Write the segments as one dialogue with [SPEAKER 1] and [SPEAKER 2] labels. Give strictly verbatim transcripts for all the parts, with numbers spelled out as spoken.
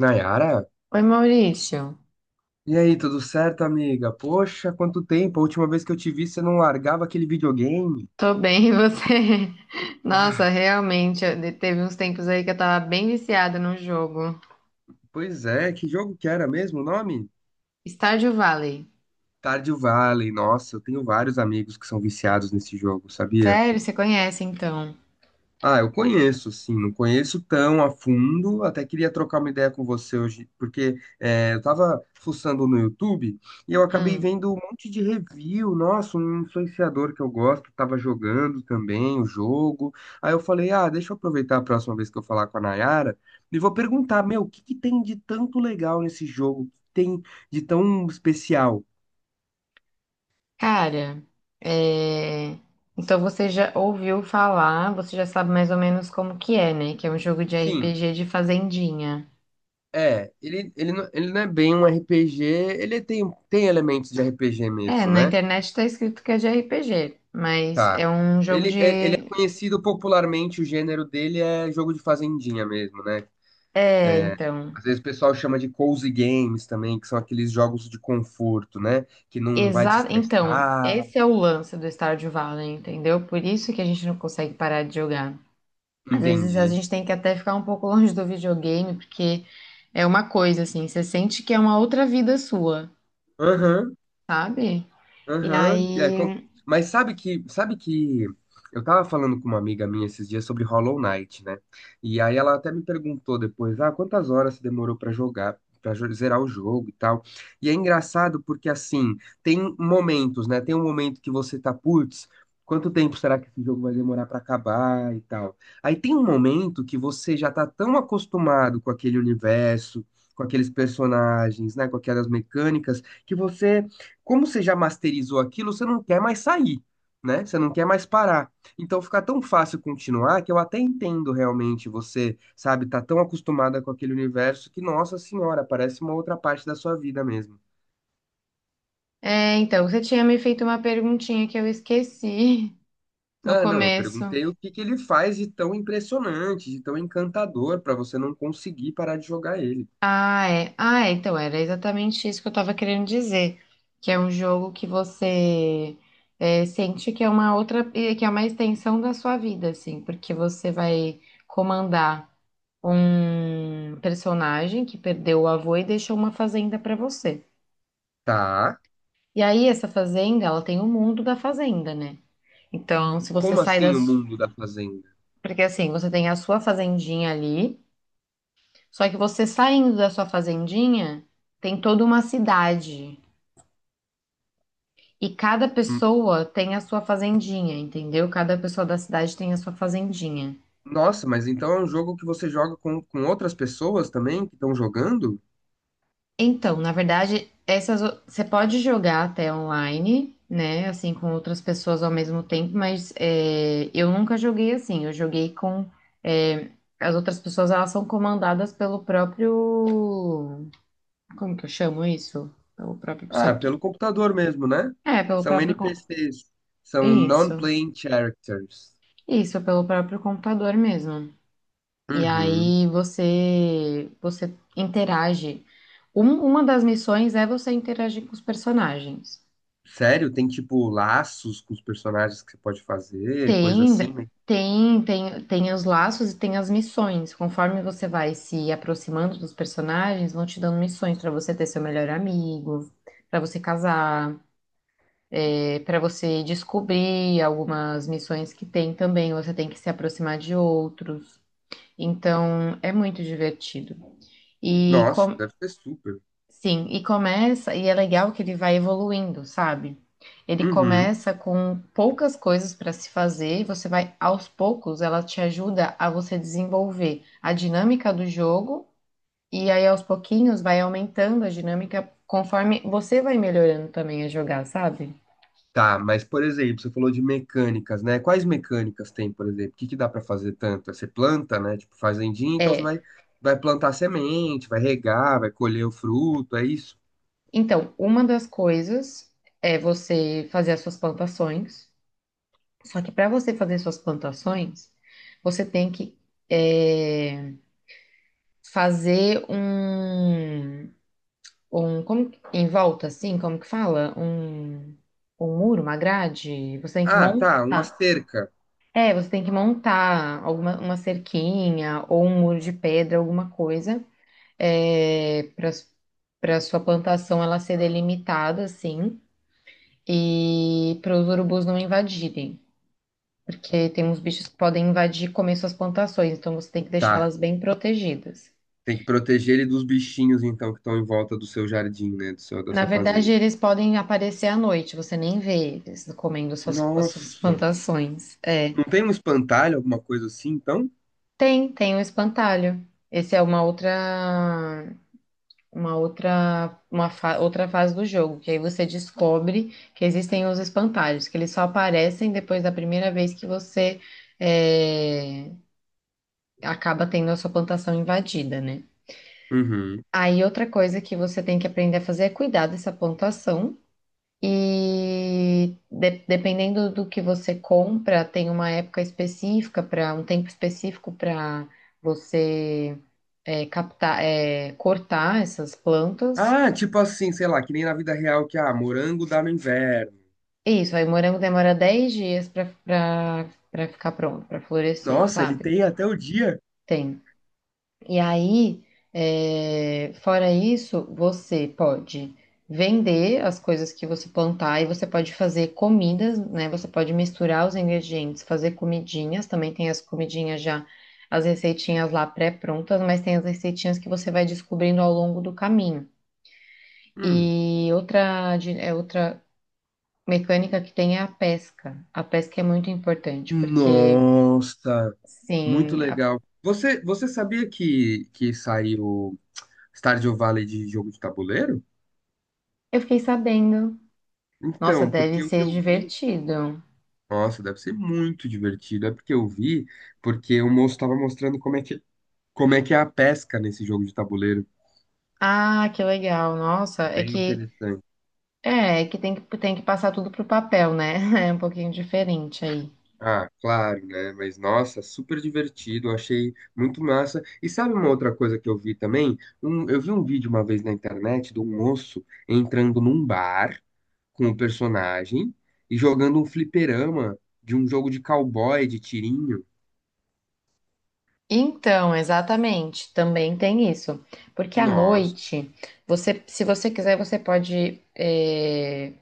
[SPEAKER 1] Nayara?
[SPEAKER 2] Oi, Maurício.
[SPEAKER 1] E aí, tudo certo, amiga? Poxa, quanto tempo! A última vez que eu te vi, você não largava aquele videogame.
[SPEAKER 2] Tô bem, e você? Nossa,
[SPEAKER 1] Ah,
[SPEAKER 2] realmente, eu- de- teve uns tempos aí que eu tava bem viciada no jogo.
[SPEAKER 1] pois é, que jogo que era mesmo o nome?
[SPEAKER 2] Stardew Valley.
[SPEAKER 1] Stardew Valley. Nossa, eu tenho vários amigos que são viciados nesse jogo, sabia?
[SPEAKER 2] Sério, você conhece então?
[SPEAKER 1] Ah, eu conheço, sim, não conheço tão a fundo, até queria trocar uma ideia com você hoje, porque é, eu tava fuçando no YouTube e eu acabei
[SPEAKER 2] Hum,
[SPEAKER 1] vendo um monte de review. Nossa, um influenciador que eu gosto tava jogando também o jogo, aí eu falei, ah, deixa eu aproveitar a próxima vez que eu falar com a Nayara e vou perguntar, meu, o que que tem de tanto legal nesse jogo, o que tem de tão especial?
[SPEAKER 2] cara, é... então você já ouviu falar, você já sabe mais ou menos como que é, né? Que é um jogo de
[SPEAKER 1] Sim,
[SPEAKER 2] R P G de fazendinha.
[SPEAKER 1] é, ele, ele, não- ele não é bem um R P G, ele tem, tem elementos de R P G
[SPEAKER 2] É,
[SPEAKER 1] mesmo,
[SPEAKER 2] na
[SPEAKER 1] né?
[SPEAKER 2] internet tá escrito que é de R P G, mas
[SPEAKER 1] Tá.
[SPEAKER 2] é um jogo
[SPEAKER 1] Ele é, ele é
[SPEAKER 2] de...
[SPEAKER 1] conhecido popularmente, o gênero dele é jogo de fazendinha mesmo, né?
[SPEAKER 2] É, então.
[SPEAKER 1] Às vezes o pessoal chama de cozy games também, que são aqueles jogos de conforto, né? Que não vai te
[SPEAKER 2] Exa então,
[SPEAKER 1] estressar.
[SPEAKER 2] esse é o lance do Stardew Valley, entendeu? Por isso que a gente não consegue parar de jogar. Às vezes a
[SPEAKER 1] Entendi.
[SPEAKER 2] gente tem que até ficar um pouco longe do videogame, porque é uma coisa assim, você sente que é uma outra vida sua,
[SPEAKER 1] Aham.
[SPEAKER 2] sabe? E
[SPEAKER 1] Aham, é, com-
[SPEAKER 2] aí,
[SPEAKER 1] mas sabe que, sabe que eu tava falando com uma amiga minha esses dias sobre Hollow Knight, né? E aí ela até me perguntou depois, ah, quantas horas você demorou pra jogar, para zerar o jogo e tal. E é engraçado porque assim, tem momentos, né? Tem um momento que você tá, putz, quanto tempo será que esse jogo vai demorar pra acabar e tal. Aí tem um momento que você já tá tão acostumado com aquele universo, com aqueles personagens, né, com aquelas mecânicas que você como você já masterizou aquilo, você não quer mais sair, né? Você não quer mais parar. Então fica tão fácil continuar que eu até entendo realmente você, sabe, tá tão acostumada com aquele universo que, nossa senhora, parece uma outra parte da sua vida mesmo.
[SPEAKER 2] é, então, você tinha me feito uma perguntinha que eu esqueci no
[SPEAKER 1] Ah, não, eu
[SPEAKER 2] começo.
[SPEAKER 1] perguntei o que que ele faz de tão impressionante, de tão encantador pra você não conseguir parar de jogar ele.
[SPEAKER 2] Ah, é. Ah, é. Então, era exatamente isso que eu tava querendo dizer. Que é um jogo que você é, sente que é uma outra, eh, que é uma extensão da sua vida, assim, porque você vai comandar um personagem que perdeu o avô e deixou uma fazenda pra você.
[SPEAKER 1] Tá?
[SPEAKER 2] E aí, essa fazenda, ela tem o mundo da fazenda, né? Então, se você
[SPEAKER 1] Como
[SPEAKER 2] sai
[SPEAKER 1] assim o
[SPEAKER 2] das.
[SPEAKER 1] mundo da fazenda?
[SPEAKER 2] Porque assim, você tem a sua fazendinha ali, só que você saindo da sua fazendinha, tem toda uma cidade. E cada
[SPEAKER 1] Hum.
[SPEAKER 2] pessoa tem a sua fazendinha, entendeu? Cada pessoa da cidade tem a sua fazendinha.
[SPEAKER 1] Nossa, mas então é um jogo que você joga com, com outras pessoas também que estão jogando?
[SPEAKER 2] Então, na verdade, essas o- você pode jogar até online, né? Assim, com outras pessoas ao mesmo tempo, mas é, eu nunca joguei assim. Eu joguei com é, as outras pessoas, elas são comandadas pelo próprio. Como que eu chamo isso? Pelo próprio isso
[SPEAKER 1] Ah,
[SPEAKER 2] aqui.
[SPEAKER 1] pelo computador mesmo, né?
[SPEAKER 2] É, pelo
[SPEAKER 1] São
[SPEAKER 2] próprio. com-
[SPEAKER 1] N P Cs, são
[SPEAKER 2] Isso.
[SPEAKER 1] non-playing characters.
[SPEAKER 2] Isso, pelo próprio computador mesmo. E
[SPEAKER 1] Uhum.
[SPEAKER 2] aí você você interage. Um- uma das missões é você interagir com os personagens.
[SPEAKER 1] Sério? Tem tipo laços com os personagens que você pode fazer, coisa
[SPEAKER 2] Tem
[SPEAKER 1] assim, né?
[SPEAKER 2] tem tem tem os laços e tem as missões. Conforme você vai se aproximando dos personagens, vão te dando missões para você ter seu melhor amigo, para você casar, para você descobrir algumas missões que tem também. Você tem que se aproximar de outros. Então, é muito divertido. E
[SPEAKER 1] Nossa,
[SPEAKER 2] com-
[SPEAKER 1] deve ser super.
[SPEAKER 2] Sim, e começa, e é legal que ele vai evoluindo, sabe? Ele
[SPEAKER 1] Uhum.
[SPEAKER 2] começa com poucas coisas para se fazer, e você vai aos poucos, ela te ajuda a você desenvolver a dinâmica do jogo, e aí aos pouquinhos vai aumentando a dinâmica conforme você vai melhorando também a jogar, sabe?
[SPEAKER 1] Tá, mas por exemplo, você falou de mecânicas, né? Quais mecânicas tem, por exemplo? O que que dá pra fazer tanto? Você planta, né? Tipo fazendinha, então você
[SPEAKER 2] É.
[SPEAKER 1] vai, vai plantar semente, vai regar, vai colher o fruto, é isso?
[SPEAKER 2] Então, uma das coisas é você fazer as suas plantações. Só que para você fazer suas plantações, você tem que. é, fazer um, um como, que- em volta, assim, como que fala? Um, um muro, uma grade. Você tem que
[SPEAKER 1] Ah, tá, uma
[SPEAKER 2] montar.
[SPEAKER 1] cerca.
[SPEAKER 2] É, você tem que montar alguma uma cerquinha ou um muro de pedra, alguma coisa, é, para para sua plantação ela ser delimitada, assim, e para os urubus não invadirem. Porque tem uns bichos que podem invadir e comer suas plantações, então você tem que
[SPEAKER 1] Tá,
[SPEAKER 2] deixá-las bem protegidas.
[SPEAKER 1] tem que proteger ele dos bichinhos, então, que estão em volta do seu jardim, né? Do seu, da
[SPEAKER 2] Na
[SPEAKER 1] sua
[SPEAKER 2] verdade,
[SPEAKER 1] fazenda.
[SPEAKER 2] eles podem aparecer à noite, você nem vê eles comendo suas, as suas
[SPEAKER 1] Nossa.
[SPEAKER 2] plantações. É.
[SPEAKER 1] Não tem um espantalho, alguma coisa assim, então?
[SPEAKER 2] Tem, tem o espantalho. Esse é uma outra, uma outra, uma fa- outra fase do jogo, que aí você descobre que existem os espantalhos, que eles só aparecem depois da primeira vez que você é, acaba tendo a sua plantação invadida, né?
[SPEAKER 1] Uhum.
[SPEAKER 2] Aí outra coisa que você tem que aprender a fazer é cuidar dessa plantação. E de- dependendo do que você compra, tem uma época específica para um tempo específico para você é, captar, é, cortar essas plantas.
[SPEAKER 1] Ah, tipo assim, sei lá, que nem na vida real que, ah, morango dá no inverno.
[SPEAKER 2] E isso, aí o morango demora dez dias para para ficar pronto, para florescer,
[SPEAKER 1] Nossa, ele
[SPEAKER 2] sabe?
[SPEAKER 1] tem até o dia.
[SPEAKER 2] Tem. E aí, é, fora isso, você pode vender as coisas que você plantar e você pode fazer comidas, né? Você pode misturar os ingredientes, fazer comidinhas. Também tem as comidinhas já, as receitinhas lá pré-prontas, mas tem as receitinhas que você vai descobrindo ao longo do caminho.
[SPEAKER 1] Hum.
[SPEAKER 2] E outra, di- é outra mecânica que tem é a pesca. A pesca é muito importante, porque,
[SPEAKER 1] Nossa, muito
[SPEAKER 2] sim, a-
[SPEAKER 1] legal. Você, você sabia que, que saiu Stardew Valley de jogo de tabuleiro?
[SPEAKER 2] eu fiquei sabendo. Nossa,
[SPEAKER 1] Então,
[SPEAKER 2] deve
[SPEAKER 1] porque o que
[SPEAKER 2] ser
[SPEAKER 1] eu vi.
[SPEAKER 2] divertido.
[SPEAKER 1] Nossa, deve ser muito divertido. É porque eu vi, porque o moço estava mostrando como é que como é que é a pesca nesse jogo de tabuleiro?
[SPEAKER 2] Ah, que legal. Nossa, é
[SPEAKER 1] Bem
[SPEAKER 2] que
[SPEAKER 1] interessante.
[SPEAKER 2] é, é que tem que tem que passar tudo pro papel, né? É um pouquinho diferente aí.
[SPEAKER 1] Ah, claro, né? Mas nossa, super divertido, eu achei muito massa. E sabe uma outra coisa que eu vi também? Um- eu vi um vídeo uma vez na internet de um moço entrando num bar com o personagem e jogando um fliperama de um jogo de cowboy, de tirinho.
[SPEAKER 2] Então, exatamente, também tem isso. Porque à
[SPEAKER 1] Nossa,
[SPEAKER 2] noite, você, se você quiser, você pode é,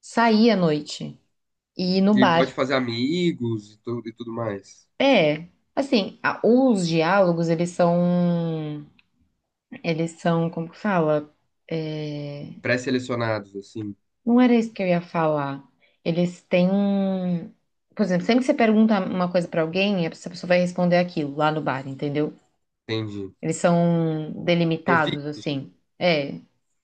[SPEAKER 2] sair à noite e ir no
[SPEAKER 1] e
[SPEAKER 2] bar.
[SPEAKER 1] pode fazer amigos e tudo, e tudo mais.
[SPEAKER 2] É, assim, a- os diálogos, eles são, eles são, como que fala? Eh,
[SPEAKER 1] Pré-selecionados, assim,
[SPEAKER 2] Não era isso que eu ia falar. Eles têm um. Por exemplo, sempre que você pergunta uma coisa pra alguém, essa pessoa vai responder aquilo lá no bar, entendeu?
[SPEAKER 1] entendi.
[SPEAKER 2] Eles são
[SPEAKER 1] Estão
[SPEAKER 2] delimitados,
[SPEAKER 1] fixos,
[SPEAKER 2] assim. É,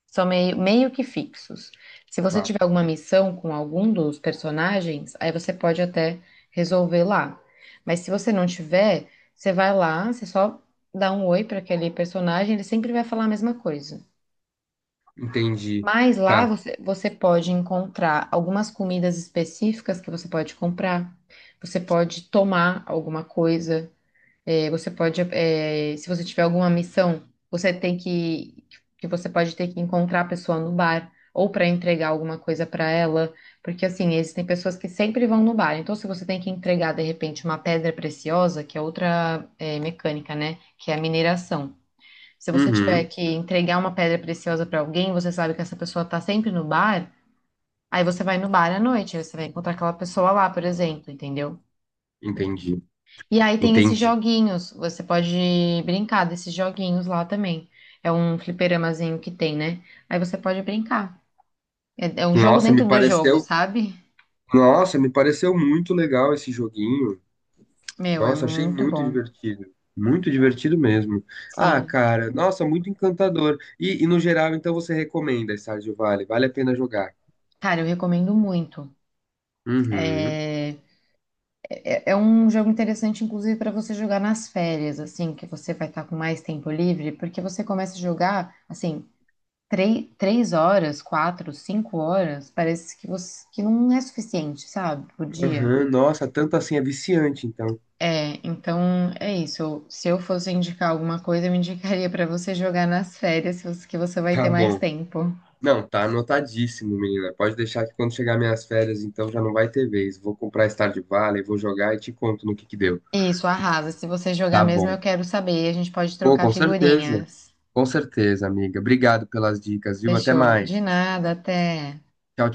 [SPEAKER 2] são meio, meio que fixos. Se você
[SPEAKER 1] tá?
[SPEAKER 2] tiver alguma missão com algum dos personagens, aí você pode até resolver lá. Mas se você não tiver, você vai lá, você só dá um oi pra aquele personagem, ele sempre vai falar a mesma coisa.
[SPEAKER 1] Entendi.
[SPEAKER 2] Mas lá
[SPEAKER 1] Tá.
[SPEAKER 2] você, você pode encontrar algumas comidas específicas que você pode comprar. Você pode tomar alguma coisa. Eh, você pode, eh, se você tiver alguma missão, você tem que, que você pode ter que encontrar a pessoa no bar ou para entregar alguma coisa para ela, porque assim existem pessoas que sempre vão no bar. Então, se você tem que entregar de repente uma pedra preciosa, que é outra, eh, mecânica, né, que é a mineração. Se você tiver
[SPEAKER 1] Uhum,
[SPEAKER 2] que entregar uma pedra preciosa para alguém, você sabe que essa pessoa tá sempre no bar, aí você vai no bar à noite, aí você vai encontrar aquela pessoa lá, por exemplo, entendeu?
[SPEAKER 1] entendi,
[SPEAKER 2] E aí tem esses
[SPEAKER 1] entendi.
[SPEAKER 2] joguinhos, você pode brincar desses joguinhos lá também. É um fliperamazinho que tem, né? Aí você pode brincar. É, é um jogo
[SPEAKER 1] Nossa, me
[SPEAKER 2] dentro do jogo,
[SPEAKER 1] pareceu,
[SPEAKER 2] sabe?
[SPEAKER 1] nossa, me pareceu muito legal esse joguinho.
[SPEAKER 2] Meu, é
[SPEAKER 1] Nossa, achei
[SPEAKER 2] muito
[SPEAKER 1] muito
[SPEAKER 2] bom.
[SPEAKER 1] divertido, muito divertido mesmo. Ah,
[SPEAKER 2] Sim.
[SPEAKER 1] cara, nossa, muito encantador. E, e no geral, então você recomenda Stardew Valley? Vale a pena jogar?
[SPEAKER 2] Cara, eu recomendo muito.
[SPEAKER 1] Uhum,
[SPEAKER 2] É um jogo interessante, inclusive, para você jogar nas férias, assim, que você vai estar com mais tempo livre, porque você começa a jogar, assim, três, três horas, quatro, cinco horas, parece que você que não é suficiente, sabe, por dia.
[SPEAKER 1] uhum, nossa, tanto assim é viciante, então.
[SPEAKER 2] É, então é isso. Eu- Se eu fosse indicar alguma coisa, eu indicaria para você jogar nas férias, se você- que você vai
[SPEAKER 1] Tá
[SPEAKER 2] ter mais
[SPEAKER 1] bom.
[SPEAKER 2] tempo.
[SPEAKER 1] Não, tá anotadíssimo, menina. Pode deixar que quando chegar minhas férias, então já não vai ter vez. Vou comprar Stardew Valley, vou jogar e te conto no que que deu.
[SPEAKER 2] Isso, arrasa. Se você jogar
[SPEAKER 1] Tá
[SPEAKER 2] mesmo,
[SPEAKER 1] bom.
[SPEAKER 2] eu quero saber. A gente pode
[SPEAKER 1] Pô,
[SPEAKER 2] trocar
[SPEAKER 1] com certeza.
[SPEAKER 2] figurinhas.
[SPEAKER 1] Com certeza, amiga. Obrigado pelas dicas, viu? Até
[SPEAKER 2] Fechou. De
[SPEAKER 1] mais.
[SPEAKER 2] nada, até.
[SPEAKER 1] Tchau, tchau.